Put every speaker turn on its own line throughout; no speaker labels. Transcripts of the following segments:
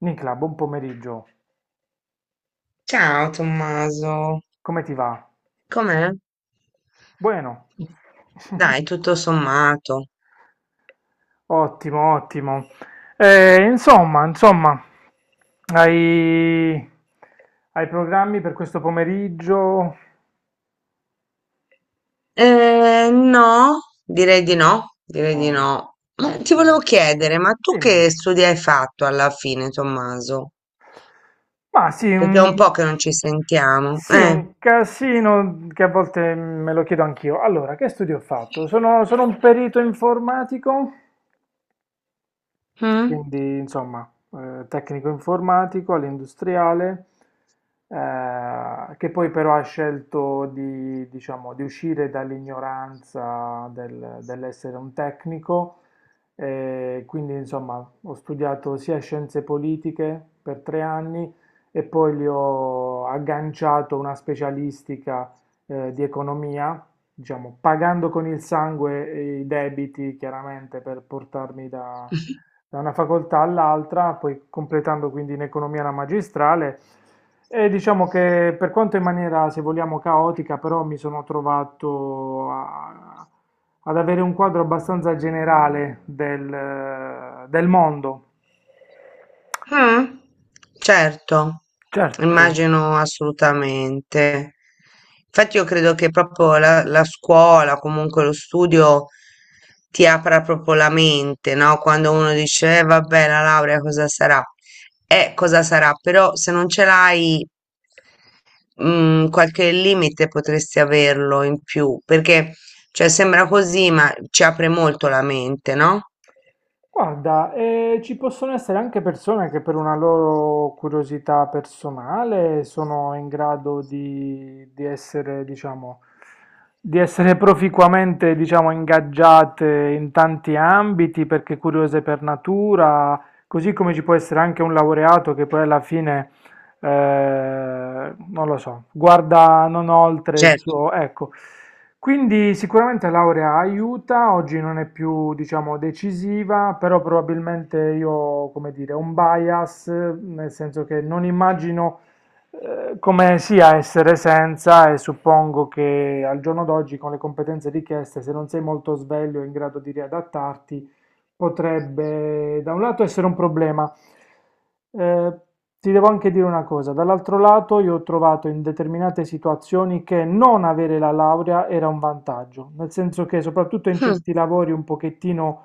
Nicla, buon pomeriggio.
Ciao Tommaso,
Come ti va?
com'è?
Bueno.
Dai, tutto sommato.
Ottimo, ottimo. Insomma, hai, hai programmi per questo pomeriggio?
No, direi di no, direi di
Mm,
no. Ma ti
ottimo.
volevo chiedere, ma tu
Dimmi.
che studi hai fatto alla fine, Tommaso?
Ma sì,
Perché è
un,
un po' che non ci sentiamo.
sì,
Eh?
un casino che a volte me lo chiedo anch'io. Allora, che studio ho fatto? Sono un perito informatico?
Mm?
Quindi, insomma, tecnico informatico all'industriale, che poi però ha scelto di, diciamo, di uscire dall'ignoranza dell'essere un tecnico. E quindi, insomma, ho studiato sia scienze politiche per tre anni e poi gli ho agganciato una specialistica, di economia, diciamo, pagando con il sangue i debiti, chiaramente, per portarmi da una facoltà all'altra, poi completando quindi in economia la magistrale. E diciamo che per quanto in maniera, se vogliamo, caotica, però mi sono trovato ad avere un quadro abbastanza generale del mondo.
Mh. Certo,
Certo.
immagino assolutamente. Infatti io credo che proprio la scuola, comunque lo studio, ti apra proprio la mente, no, quando uno dice: "Eh vabbè, la laurea cosa sarà?" Cosa sarà, però se non ce l'hai, mhmm, qualche limite potresti averlo in più, perché, cioè, sembra così, ma ci apre molto la mente, no?
Guarda, ci possono essere anche persone che per una loro curiosità personale sono in grado di essere, diciamo, di essere proficuamente, diciamo, ingaggiate in tanti ambiti perché curiose per natura, così come ci può essere anche un laureato che poi alla fine non lo so, guarda non oltre il
Certo.
suo, ecco. Quindi sicuramente laurea aiuta, oggi non è più, diciamo, decisiva, però probabilmente ho, come dire, un bias, nel senso che non immagino come sia essere senza, e suppongo che al giorno d'oggi con le competenze richieste, se non sei molto sveglio e in grado di riadattarti, potrebbe da un lato essere un problema. Eh, ti devo anche dire una cosa, dall'altro lato io ho trovato in determinate situazioni che non avere la laurea era un vantaggio, nel senso che soprattutto in
Mh.
certi lavori un pochettino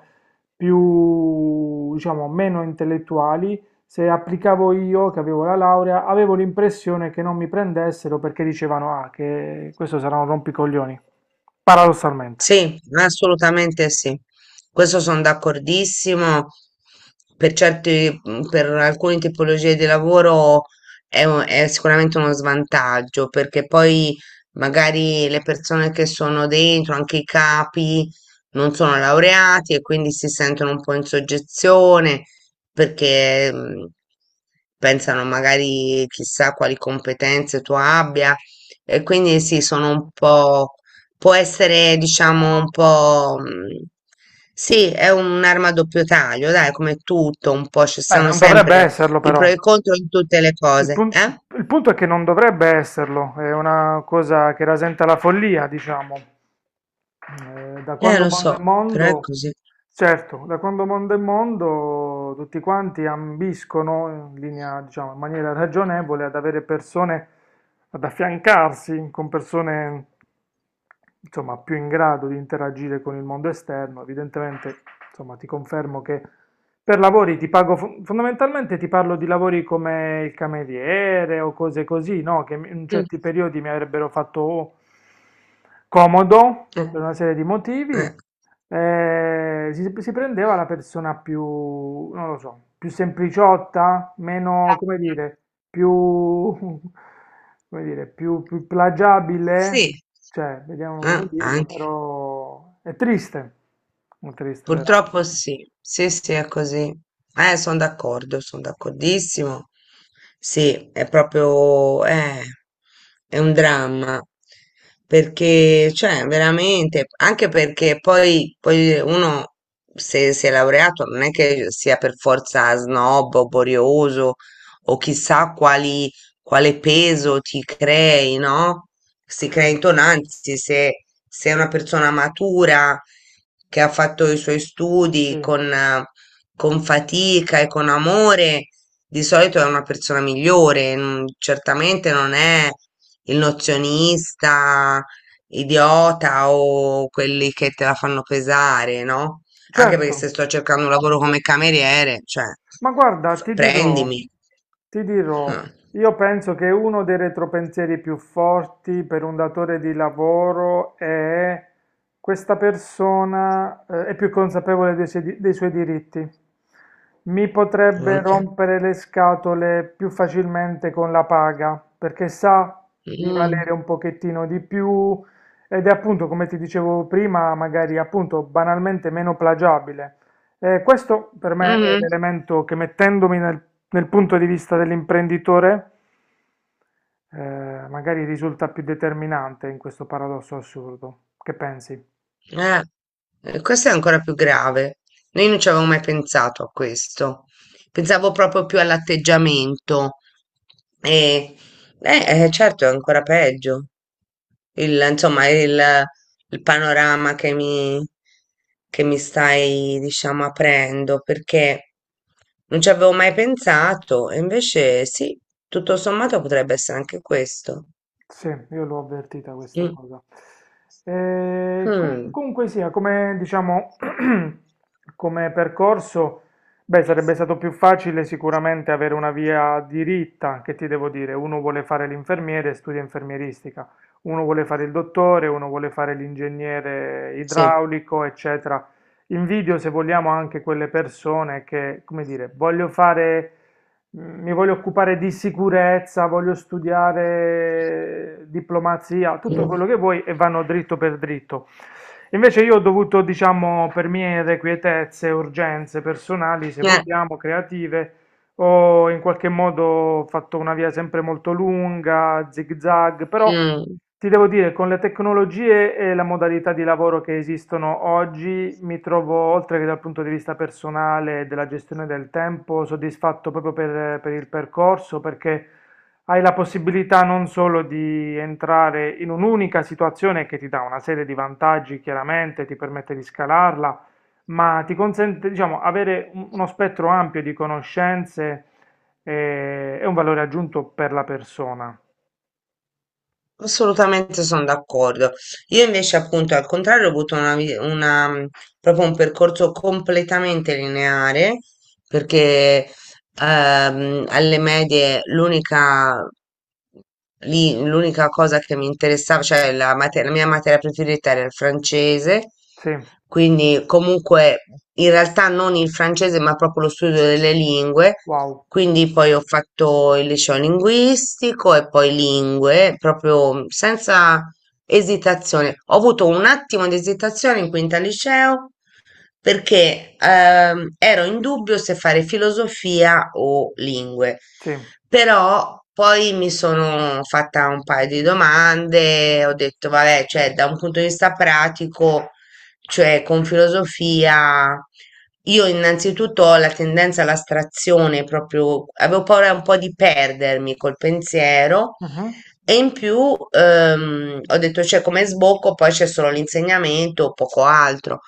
più, diciamo, meno intellettuali, se applicavo io che avevo la laurea, avevo l'impressione che non mi prendessero perché dicevano, ah, che questo sarà un rompicoglioni, paradossalmente.
Sì, assolutamente sì. Questo sono d'accordissimo. Per certi, per alcune tipologie di lavoro è, è sicuramente uno svantaggio, perché poi magari le persone che sono dentro, anche i capi, non sono laureati e quindi si sentono un po' in soggezione perché pensano magari chissà quali competenze tu abbia e quindi sì, sono un po'. Può essere, diciamo, un po', sì, è un'arma a doppio taglio, dai, come tutto, un po' ci
Beh,
sono
non dovrebbe
sempre
esserlo
i pro
però.
e i contro in tutte le
Il
cose,
pun-
eh?
il punto è che non dovrebbe esserlo, è una cosa che rasenta la follia, diciamo. Da quando
Lo
mondo è
so, però è
mondo,
così.
certo, da quando mondo è mondo, tutti quanti ambiscono in linea, diciamo, in maniera ragionevole ad avere persone, ad affiancarsi con persone, insomma, più in grado di interagire con il mondo esterno, evidentemente. Insomma, ti confermo che per lavori ti pago, fondamentalmente ti parlo di lavori come il cameriere o cose così, no? Che in
Mm,
certi periodi mi avrebbero fatto comodo
eh,
per una serie di motivi.
eh.
Si prendeva la persona più, non lo so, più sempliciotta, meno, come dire, più, come dire, più plagiabile,
Sì,
cioè, vediamo come dirlo,
anche.
però è triste veramente.
Purtroppo sì, sì, sì, è così. Sono d'accordo, sono d'accordissimo. Sì, è proprio, è un dramma, perché, cioè, veramente, anche perché poi uno, se si è laureato, non è che sia per forza snob o borioso o chissà quale peso ti crei, no? Si
Sì,
crea intonanza, se è una persona matura che ha fatto i suoi studi
sì,
con fatica e con amore, di solito è una persona migliore, certamente non è il nozionista, idiota o quelli che te la fanno pesare, no? Anche
certo.
perché se sto cercando un lavoro come cameriere, cioè,
Ma guarda, ti dirò,
prendimi.
ti dirò,
Eh,
io penso che uno dei retropensieri più forti per un datore di lavoro è questa persona, è più consapevole dei dei suoi diritti. Mi potrebbe
Anche.
rompere le scatole più facilmente con la paga, perché sa di
Mm.
valere un pochettino di più ed è appunto, come ti dicevo prima, magari appunto banalmente meno plagiabile. Questo per me è
Mhm.
l'elemento che mettendomi nel punto di vista dell'imprenditore, magari risulta più determinante in questo paradosso assurdo. Che pensi?
Eh, questo è ancora più grave. Noi non ci avevamo mai pensato a questo. Pensavo proprio più all'atteggiamento. E, certo, è ancora peggio. Il, insomma, il panorama che che mi stai, diciamo, aprendo, perché non ci avevo mai pensato. E invece sì, tutto sommato potrebbe essere anche questo.
Sì, io l'ho avvertita questa
Mm.
cosa.
Mm.
Comunque sia, come diciamo, come percorso, beh, sarebbe stato più facile sicuramente avere una via diritta, che ti devo dire, uno vuole fare l'infermiere e studia infermieristica, uno vuole fare il dottore, uno vuole fare l'ingegnere
Sì.
idraulico, eccetera. Invidio, se vogliamo, anche quelle persone che, come dire, voglio fare, mi voglio occupare di sicurezza, voglio studiare diplomazia, tutto
Mm.
quello che vuoi, e vanno dritto per dritto. Invece io ho dovuto, diciamo, per mie irrequietezze, urgenze personali, se
Eh,
vogliamo, creative, ho in qualche modo fatto una via sempre molto lunga, zig zag, però
mm.
ti devo dire, con le tecnologie e la modalità di lavoro che esistono oggi, mi trovo, oltre che dal punto di vista personale e della gestione del tempo, soddisfatto proprio per il percorso, perché hai la possibilità non solo di entrare in un'unica situazione che ti dà una serie di vantaggi, chiaramente, ti permette di scalarla, ma ti consente, diciamo, avere uno spettro ampio di conoscenze, e un valore aggiunto per la persona.
Assolutamente sono d'accordo. Io invece, appunto, al contrario, ho avuto proprio un percorso completamente lineare, perché alle medie l'unica cosa che mi interessava, cioè la mia materia preferita era il francese,
Sì,
quindi comunque in realtà non il francese, ma proprio lo studio delle lingue.
wow,
Quindi poi ho fatto il liceo linguistico e poi lingue, proprio senza esitazione. Ho avuto un attimo di esitazione in quinta liceo perché ero in dubbio se fare filosofia o lingue,
sì.
però poi mi sono fatta un paio di domande, ho detto, vabbè, cioè da un punto di vista pratico, cioè con filosofia, io innanzitutto ho la tendenza all'astrazione, proprio avevo paura un po' di perdermi col pensiero.
Mhm,
E in più ho detto, cioè, come sbocco poi c'è solo l'insegnamento, poco altro.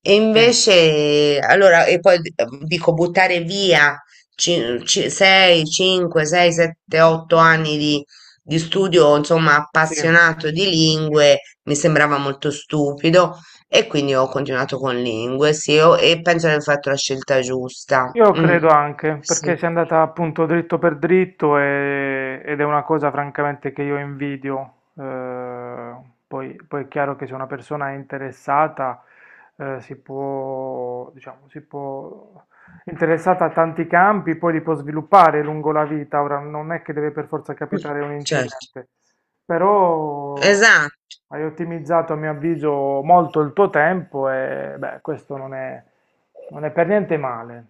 E
sì,
invece, allora, e poi dico buttare via 6, 5, 6, 7, 8 anni di studio, insomma,
sì,
appassionato di lingue, mi sembrava molto stupido e quindi ho continuato con lingue, sì, e penso di aver fatto la scelta giusta.
io
Mm,
credo anche, perché
sì,
si è andata appunto dritto per dritto ed è una cosa francamente che io invidio. Eh, poi è chiaro che se una persona è interessata, si può, diciamo, si può, interessata a tanti campi, poi li può sviluppare lungo la vita. Ora non è che deve per forza
mm,
capitare un
certo.
incidente. Però
Esatto.
hai ottimizzato a mio avviso molto il tuo tempo e beh, questo non è, non è per niente male.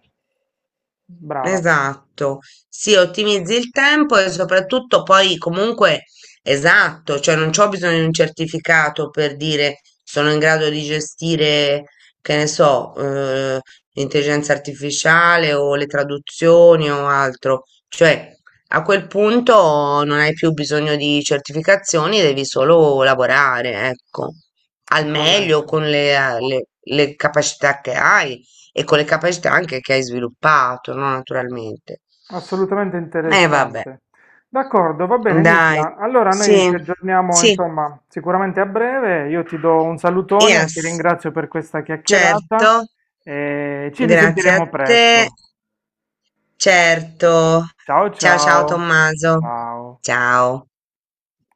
Brava,
Esatto, sì, ottimizzi il tempo e soprattutto poi comunque esatto, cioè non c'ho bisogno di un certificato per dire sono in grado di gestire, che ne so, l'intelligenza artificiale o le traduzioni o altro, cioè a quel punto non hai più bisogno di certificazioni, devi solo lavorare, ecco,
è
al meglio
corretto.
con le capacità che hai e con le capacità anche che hai sviluppato, no? Naturalmente.
Assolutamente
Eh vabbè,
interessante. D'accordo, va bene
dai,
Nicla. Allora
sì,
noi ci aggiorniamo,
sì,
insomma, sicuramente a breve. Io ti do un salutone, ti
yes,
ringrazio per questa chiacchierata
certo,
e ci
grazie a
risentiremo
te,
presto.
certo.
Ciao
Ciao ciao
ciao.
Tommaso,
Ciao.
ciao.